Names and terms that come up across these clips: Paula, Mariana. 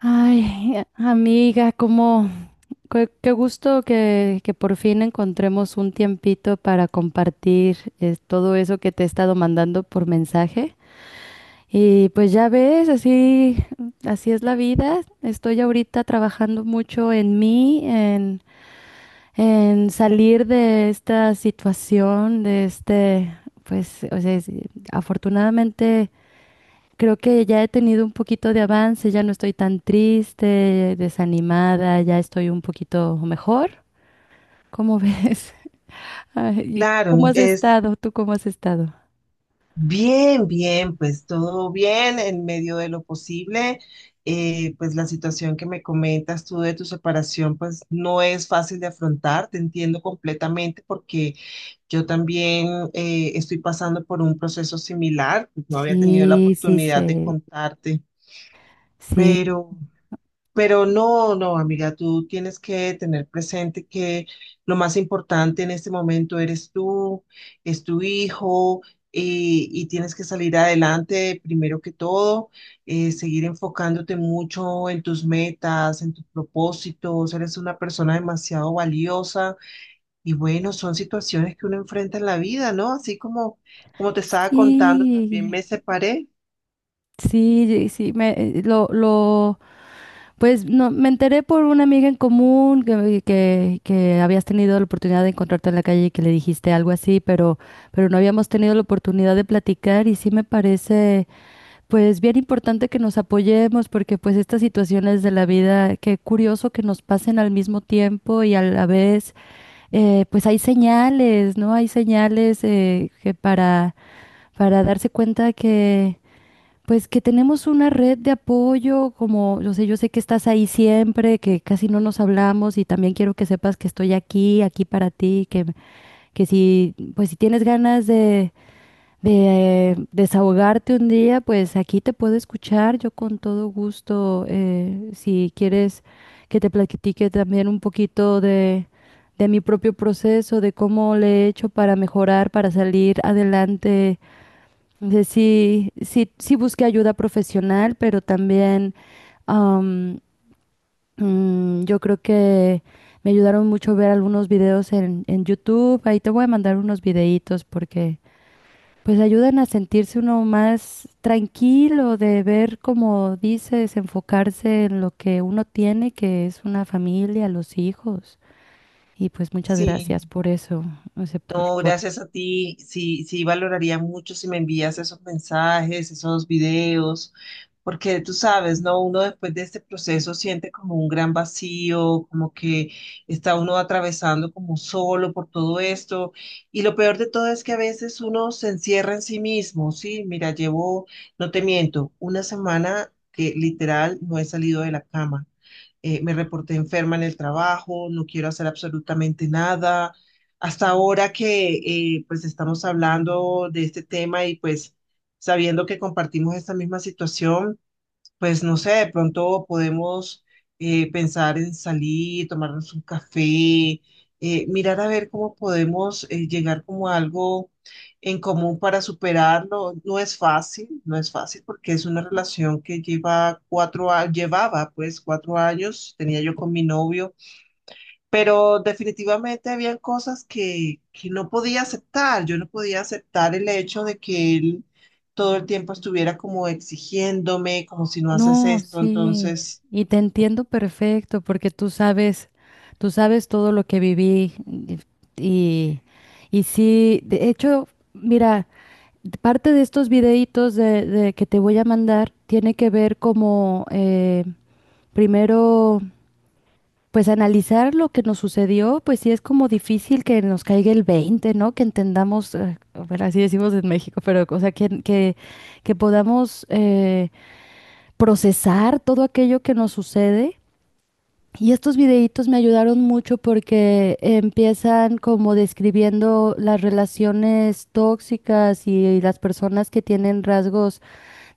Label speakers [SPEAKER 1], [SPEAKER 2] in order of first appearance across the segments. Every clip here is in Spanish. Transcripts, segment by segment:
[SPEAKER 1] Ay, amiga, qué gusto que por fin encontremos un tiempito para compartir todo eso que te he estado mandando por mensaje. Y pues ya ves, así es la vida. Estoy ahorita trabajando mucho en mí, en salir de esta situación, de este, pues, o sea, afortunadamente. Creo que ya he tenido un poquito de avance, ya no estoy tan triste, desanimada, ya estoy un poquito mejor. ¿Cómo ves? Ay, ¿y tú cómo
[SPEAKER 2] Claro,
[SPEAKER 1] has
[SPEAKER 2] es
[SPEAKER 1] estado? ¿Tú cómo has estado?
[SPEAKER 2] bien, bien, pues todo bien en medio de lo posible. Pues la situación que me comentas tú de tu separación, pues no es fácil de afrontar, te entiendo completamente porque yo también estoy pasando por un proceso similar, pues no había tenido la
[SPEAKER 1] Sí, sí,
[SPEAKER 2] oportunidad de
[SPEAKER 1] sí,
[SPEAKER 2] contarte,
[SPEAKER 1] sí,
[SPEAKER 2] pero... Pero no, no, amiga, tú tienes que tener presente que lo más importante en este momento eres tú, es tu hijo, y tienes que salir adelante primero que todo, seguir enfocándote mucho en tus metas, en tus propósitos, eres una persona demasiado valiosa. Y bueno, son situaciones que uno enfrenta en la vida, ¿no? Así como te estaba contando, también
[SPEAKER 1] sí.
[SPEAKER 2] me separé.
[SPEAKER 1] Sí, sí, pues no, me enteré por una amiga en común que habías tenido la oportunidad de encontrarte en la calle y que le dijiste algo así, pero no habíamos tenido la oportunidad de platicar, y sí me parece, pues bien importante que nos apoyemos porque pues estas situaciones de la vida, qué curioso que nos pasen al mismo tiempo y a la vez. Pues hay señales, ¿no? Hay señales, que para darse cuenta que pues que tenemos una red de apoyo. Como yo sé que estás ahí siempre, que casi no nos hablamos, y también quiero que sepas que estoy aquí, aquí para ti, que si, pues si tienes ganas de desahogarte un día, pues aquí te puedo escuchar, yo con todo gusto, si quieres que te platique también un poquito de mi propio proceso, de cómo le he hecho para mejorar, para salir adelante. Entonces, sí, sí, sí busqué ayuda profesional, pero también, am, yo creo que me ayudaron mucho ver algunos videos en YouTube. Ahí te voy a mandar unos videitos porque pues ayudan a sentirse uno más tranquilo, de ver, como dices, enfocarse en lo que uno tiene, que es una familia, los hijos. Y pues muchas
[SPEAKER 2] Sí.
[SPEAKER 1] gracias por eso, no sé, por,
[SPEAKER 2] No,
[SPEAKER 1] por
[SPEAKER 2] gracias a ti. Sí, sí, valoraría mucho si me envías esos mensajes, esos videos, porque tú sabes, ¿no? Uno después de este proceso siente como un gran vacío, como que está uno atravesando como solo por todo esto. Y lo peor de todo es que a veces uno se encierra en sí mismo, ¿sí? Mira, llevo, no te miento, una semana que literal no he salido de la cama, me reporté enferma en el trabajo, no quiero hacer absolutamente nada. Hasta ahora que pues estamos hablando de este tema y pues sabiendo que compartimos esta misma situación, pues no sé, de pronto podemos pensar en salir, tomarnos un café, mirar a ver cómo podemos llegar como a algo en común para superarlo. No es fácil, no es fácil porque es una relación que lleva cuatro, llevaba pues cuatro años, tenía yo con mi novio, pero definitivamente habían cosas que no podía aceptar. Yo no podía aceptar el hecho de que él todo el tiempo estuviera como exigiéndome, como si no haces
[SPEAKER 1] No,
[SPEAKER 2] esto,
[SPEAKER 1] sí,
[SPEAKER 2] entonces.
[SPEAKER 1] y te entiendo perfecto porque tú sabes todo lo que viví, y y sí, de hecho, mira, parte de estos videitos de que te voy a mandar tiene que ver como, primero, pues analizar lo que nos sucedió. Pues sí es como difícil que nos caiga el 20, ¿no? Que entendamos, bueno, así decimos en México, pero o sea, que podamos procesar todo aquello que nos sucede. Y estos videitos me ayudaron mucho porque empiezan como describiendo las relaciones tóxicas y las personas que tienen rasgos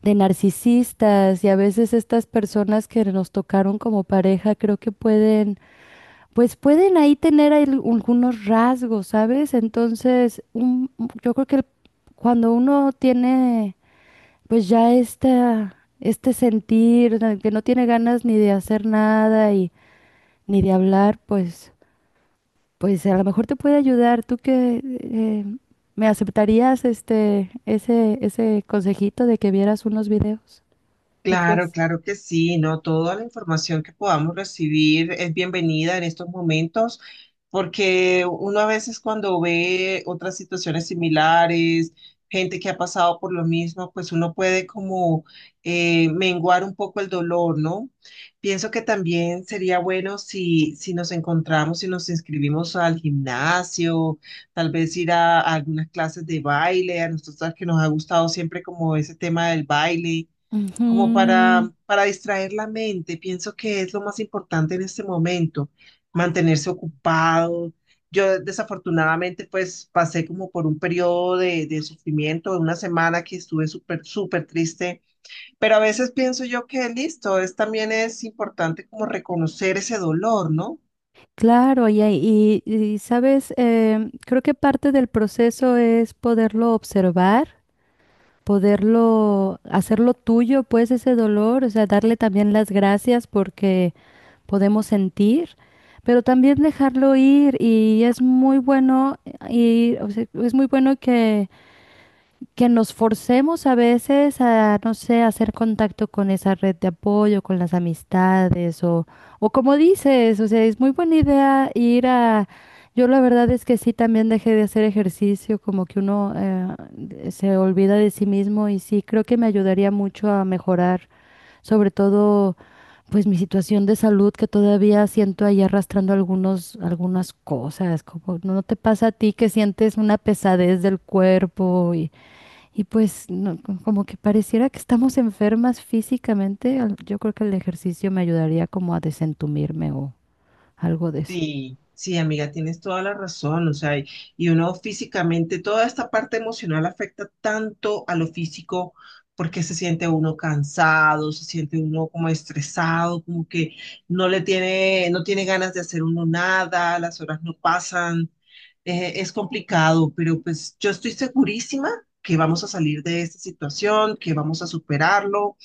[SPEAKER 1] de narcisistas, y a veces estas personas que nos tocaron como pareja creo que pueden, pues pueden ahí tener algunos rasgos, ¿sabes? Entonces, yo creo que cuando uno tiene pues ya este sentir, que no tiene ganas ni de hacer nada y ni de hablar, pues, pues a lo mejor te puede ayudar. ¿Tú que me aceptarías ese consejito de que vieras unos videos? ¿Tú
[SPEAKER 2] Claro,
[SPEAKER 1] crees?
[SPEAKER 2] claro que sí, ¿no? Toda la información que podamos recibir es bienvenida en estos momentos, porque uno a veces cuando ve otras situaciones similares, gente que ha pasado por lo mismo, pues uno puede como menguar un poco el dolor, ¿no? Pienso que también sería bueno si nos encontramos y nos inscribimos al gimnasio, tal vez ir a algunas clases de baile, a nosotros que nos ha gustado siempre como ese tema del baile, como
[SPEAKER 1] Ujú.
[SPEAKER 2] para distraer la mente. Pienso que es lo más importante en este momento, mantenerse ocupado. Yo desafortunadamente pues pasé como por un periodo de sufrimiento, de una semana que estuve súper, súper triste, pero a veces pienso yo que listo, es, también es importante como reconocer ese dolor, ¿no?
[SPEAKER 1] Claro, sabes, creo que parte del proceso es poderlo observar, poderlo hacerlo tuyo, pues ese dolor, o sea, darle también las gracias porque podemos sentir, pero también dejarlo ir. Y es muy bueno, y o sea, es muy bueno que nos forcemos a veces a, no sé, a hacer contacto con esa red de apoyo, con las amistades, o como dices, o sea, es muy buena idea ir a. Yo la verdad es que sí, también dejé de hacer ejercicio, como que uno se olvida de sí mismo, y sí, creo que me ayudaría mucho a mejorar, sobre todo pues mi situación de salud, que todavía siento ahí arrastrando algunos, algunas cosas. Como no no te pasa a ti que sientes una pesadez del cuerpo? Y y pues no, como que pareciera que estamos enfermas físicamente. Yo creo que el ejercicio me ayudaría como a desentumirme, o algo de eso.
[SPEAKER 2] Sí, sí, amiga, tienes toda la razón, o sea, y uno físicamente, toda esta parte emocional afecta tanto a lo físico porque se siente uno cansado, se siente uno como estresado, como que no le tiene, no tiene ganas de hacer uno nada, las horas no pasan, es complicado, pero pues yo estoy segurísima que vamos a salir de esta situación, que vamos a superarlo.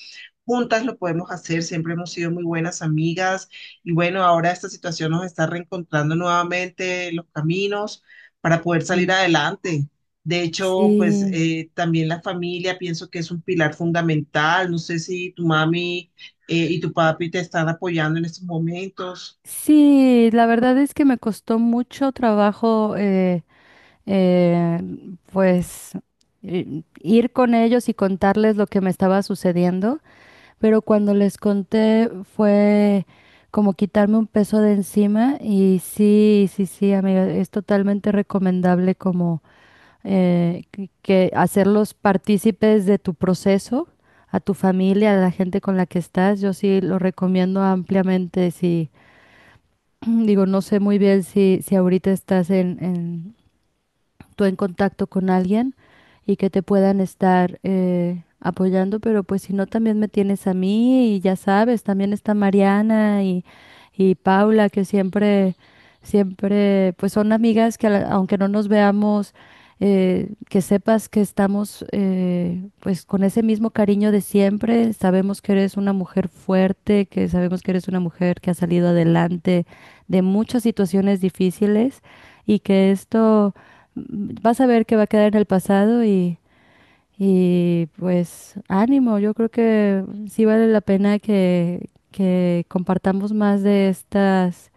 [SPEAKER 2] Juntas lo podemos hacer, siempre hemos sido muy buenas amigas y bueno, ahora esta situación nos está reencontrando nuevamente los caminos para poder salir
[SPEAKER 1] Ujú.
[SPEAKER 2] adelante. De hecho, pues
[SPEAKER 1] Sí,
[SPEAKER 2] también la familia pienso que es un pilar fundamental. No sé si tu mami y tu papi te están apoyando en estos momentos.
[SPEAKER 1] sí, la verdad es que me costó mucho trabajo, eh, pues ir con ellos y contarles lo que me estaba sucediendo. Pero cuando les conté fue como quitarme un peso de encima. Y sí, sí, sí, amiga, es totalmente recomendable como, que hacerlos partícipes de tu proceso, a tu familia, a la gente con la que estás. Yo sí lo recomiendo ampliamente, sí. Digo, no sé muy bien si ahorita estás en tú en contacto con alguien y que te puedan estar apoyando, pero pues si no, también me tienes a mí, y ya sabes, también está Mariana y Paula, que siempre, siempre, pues son amigas que, aunque no nos veamos, que sepas que estamos, pues con ese mismo cariño de siempre. Sabemos que eres una mujer fuerte, que sabemos que eres una mujer que ha salido adelante de muchas situaciones difíciles, y que esto vas a ver que va a quedar en el pasado. Y pues ánimo, yo creo que sí vale la pena que compartamos más de estas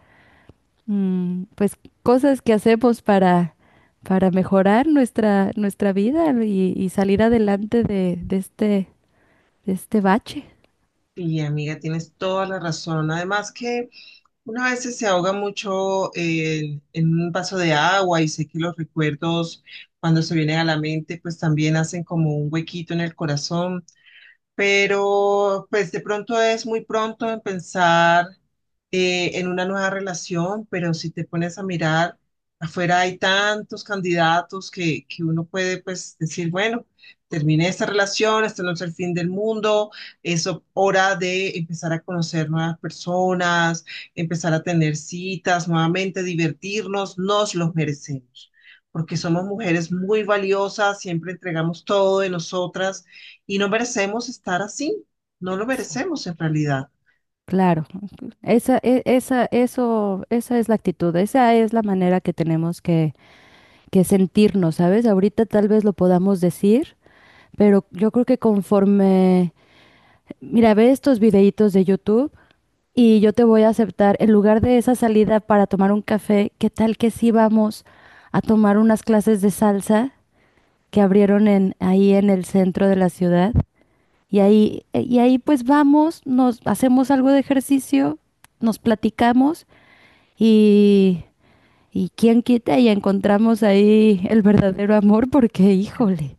[SPEAKER 1] pues cosas que hacemos para mejorar nuestra, nuestra vida, y salir adelante de este bache.
[SPEAKER 2] Y amiga, tienes toda la razón. Además que uno a veces se ahoga mucho en un vaso de agua, y sé que los recuerdos cuando se vienen a la mente pues también hacen como un huequito en el corazón, pero pues de pronto es muy pronto en pensar en una nueva relación, pero si te pones a mirar, afuera hay tantos candidatos que uno puede pues decir, bueno, terminé esta relación, esto no es el fin del mundo, es hora de empezar a conocer nuevas personas, empezar a tener citas, nuevamente divertirnos, nos los merecemos. Porque somos mujeres muy valiosas, siempre entregamos todo de nosotras y no merecemos estar así, no lo
[SPEAKER 1] Eso.
[SPEAKER 2] merecemos en realidad.
[SPEAKER 1] Claro, esa es la actitud, esa es la manera que tenemos que sentirnos, ¿sabes? Ahorita tal vez lo podamos decir, pero yo creo que conforme, mira, ve estos videitos de YouTube, y yo te voy a aceptar, en lugar de esa salida para tomar un café, ¿qué tal que sí vamos a tomar unas clases de salsa que abrieron ahí en el centro de la ciudad? Y ahí pues vamos, nos hacemos algo de ejercicio, nos platicamos, y, y quién quita y encontramos ahí el verdadero amor, porque híjole.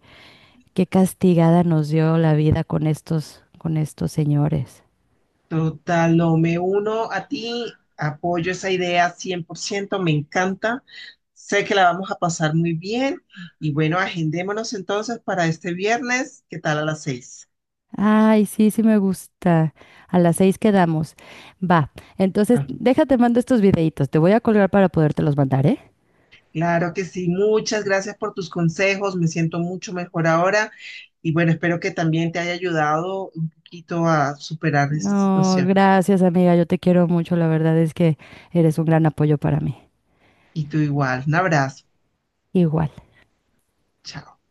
[SPEAKER 1] Qué castigada nos dio la vida con estos señores.
[SPEAKER 2] Total, no, me uno a ti, apoyo esa idea 100%, me encanta, sé que la vamos a pasar muy bien y bueno, agendémonos entonces para este viernes, ¿qué tal a las 6?
[SPEAKER 1] Ay, sí, sí, me gusta. A las 6 quedamos. Va, entonces
[SPEAKER 2] Ah,
[SPEAKER 1] déjate mando estos videitos. Te voy a colgar para podértelos mandar, ¿eh?
[SPEAKER 2] claro que sí, muchas gracias por tus consejos, me siento mucho mejor ahora y bueno, espero que también te haya ayudado un poquito a superar esta
[SPEAKER 1] No,
[SPEAKER 2] situación.
[SPEAKER 1] gracias amiga, yo te quiero mucho. La verdad es que eres un gran apoyo para mí.
[SPEAKER 2] Y tú igual, un abrazo.
[SPEAKER 1] Igual.
[SPEAKER 2] Chao.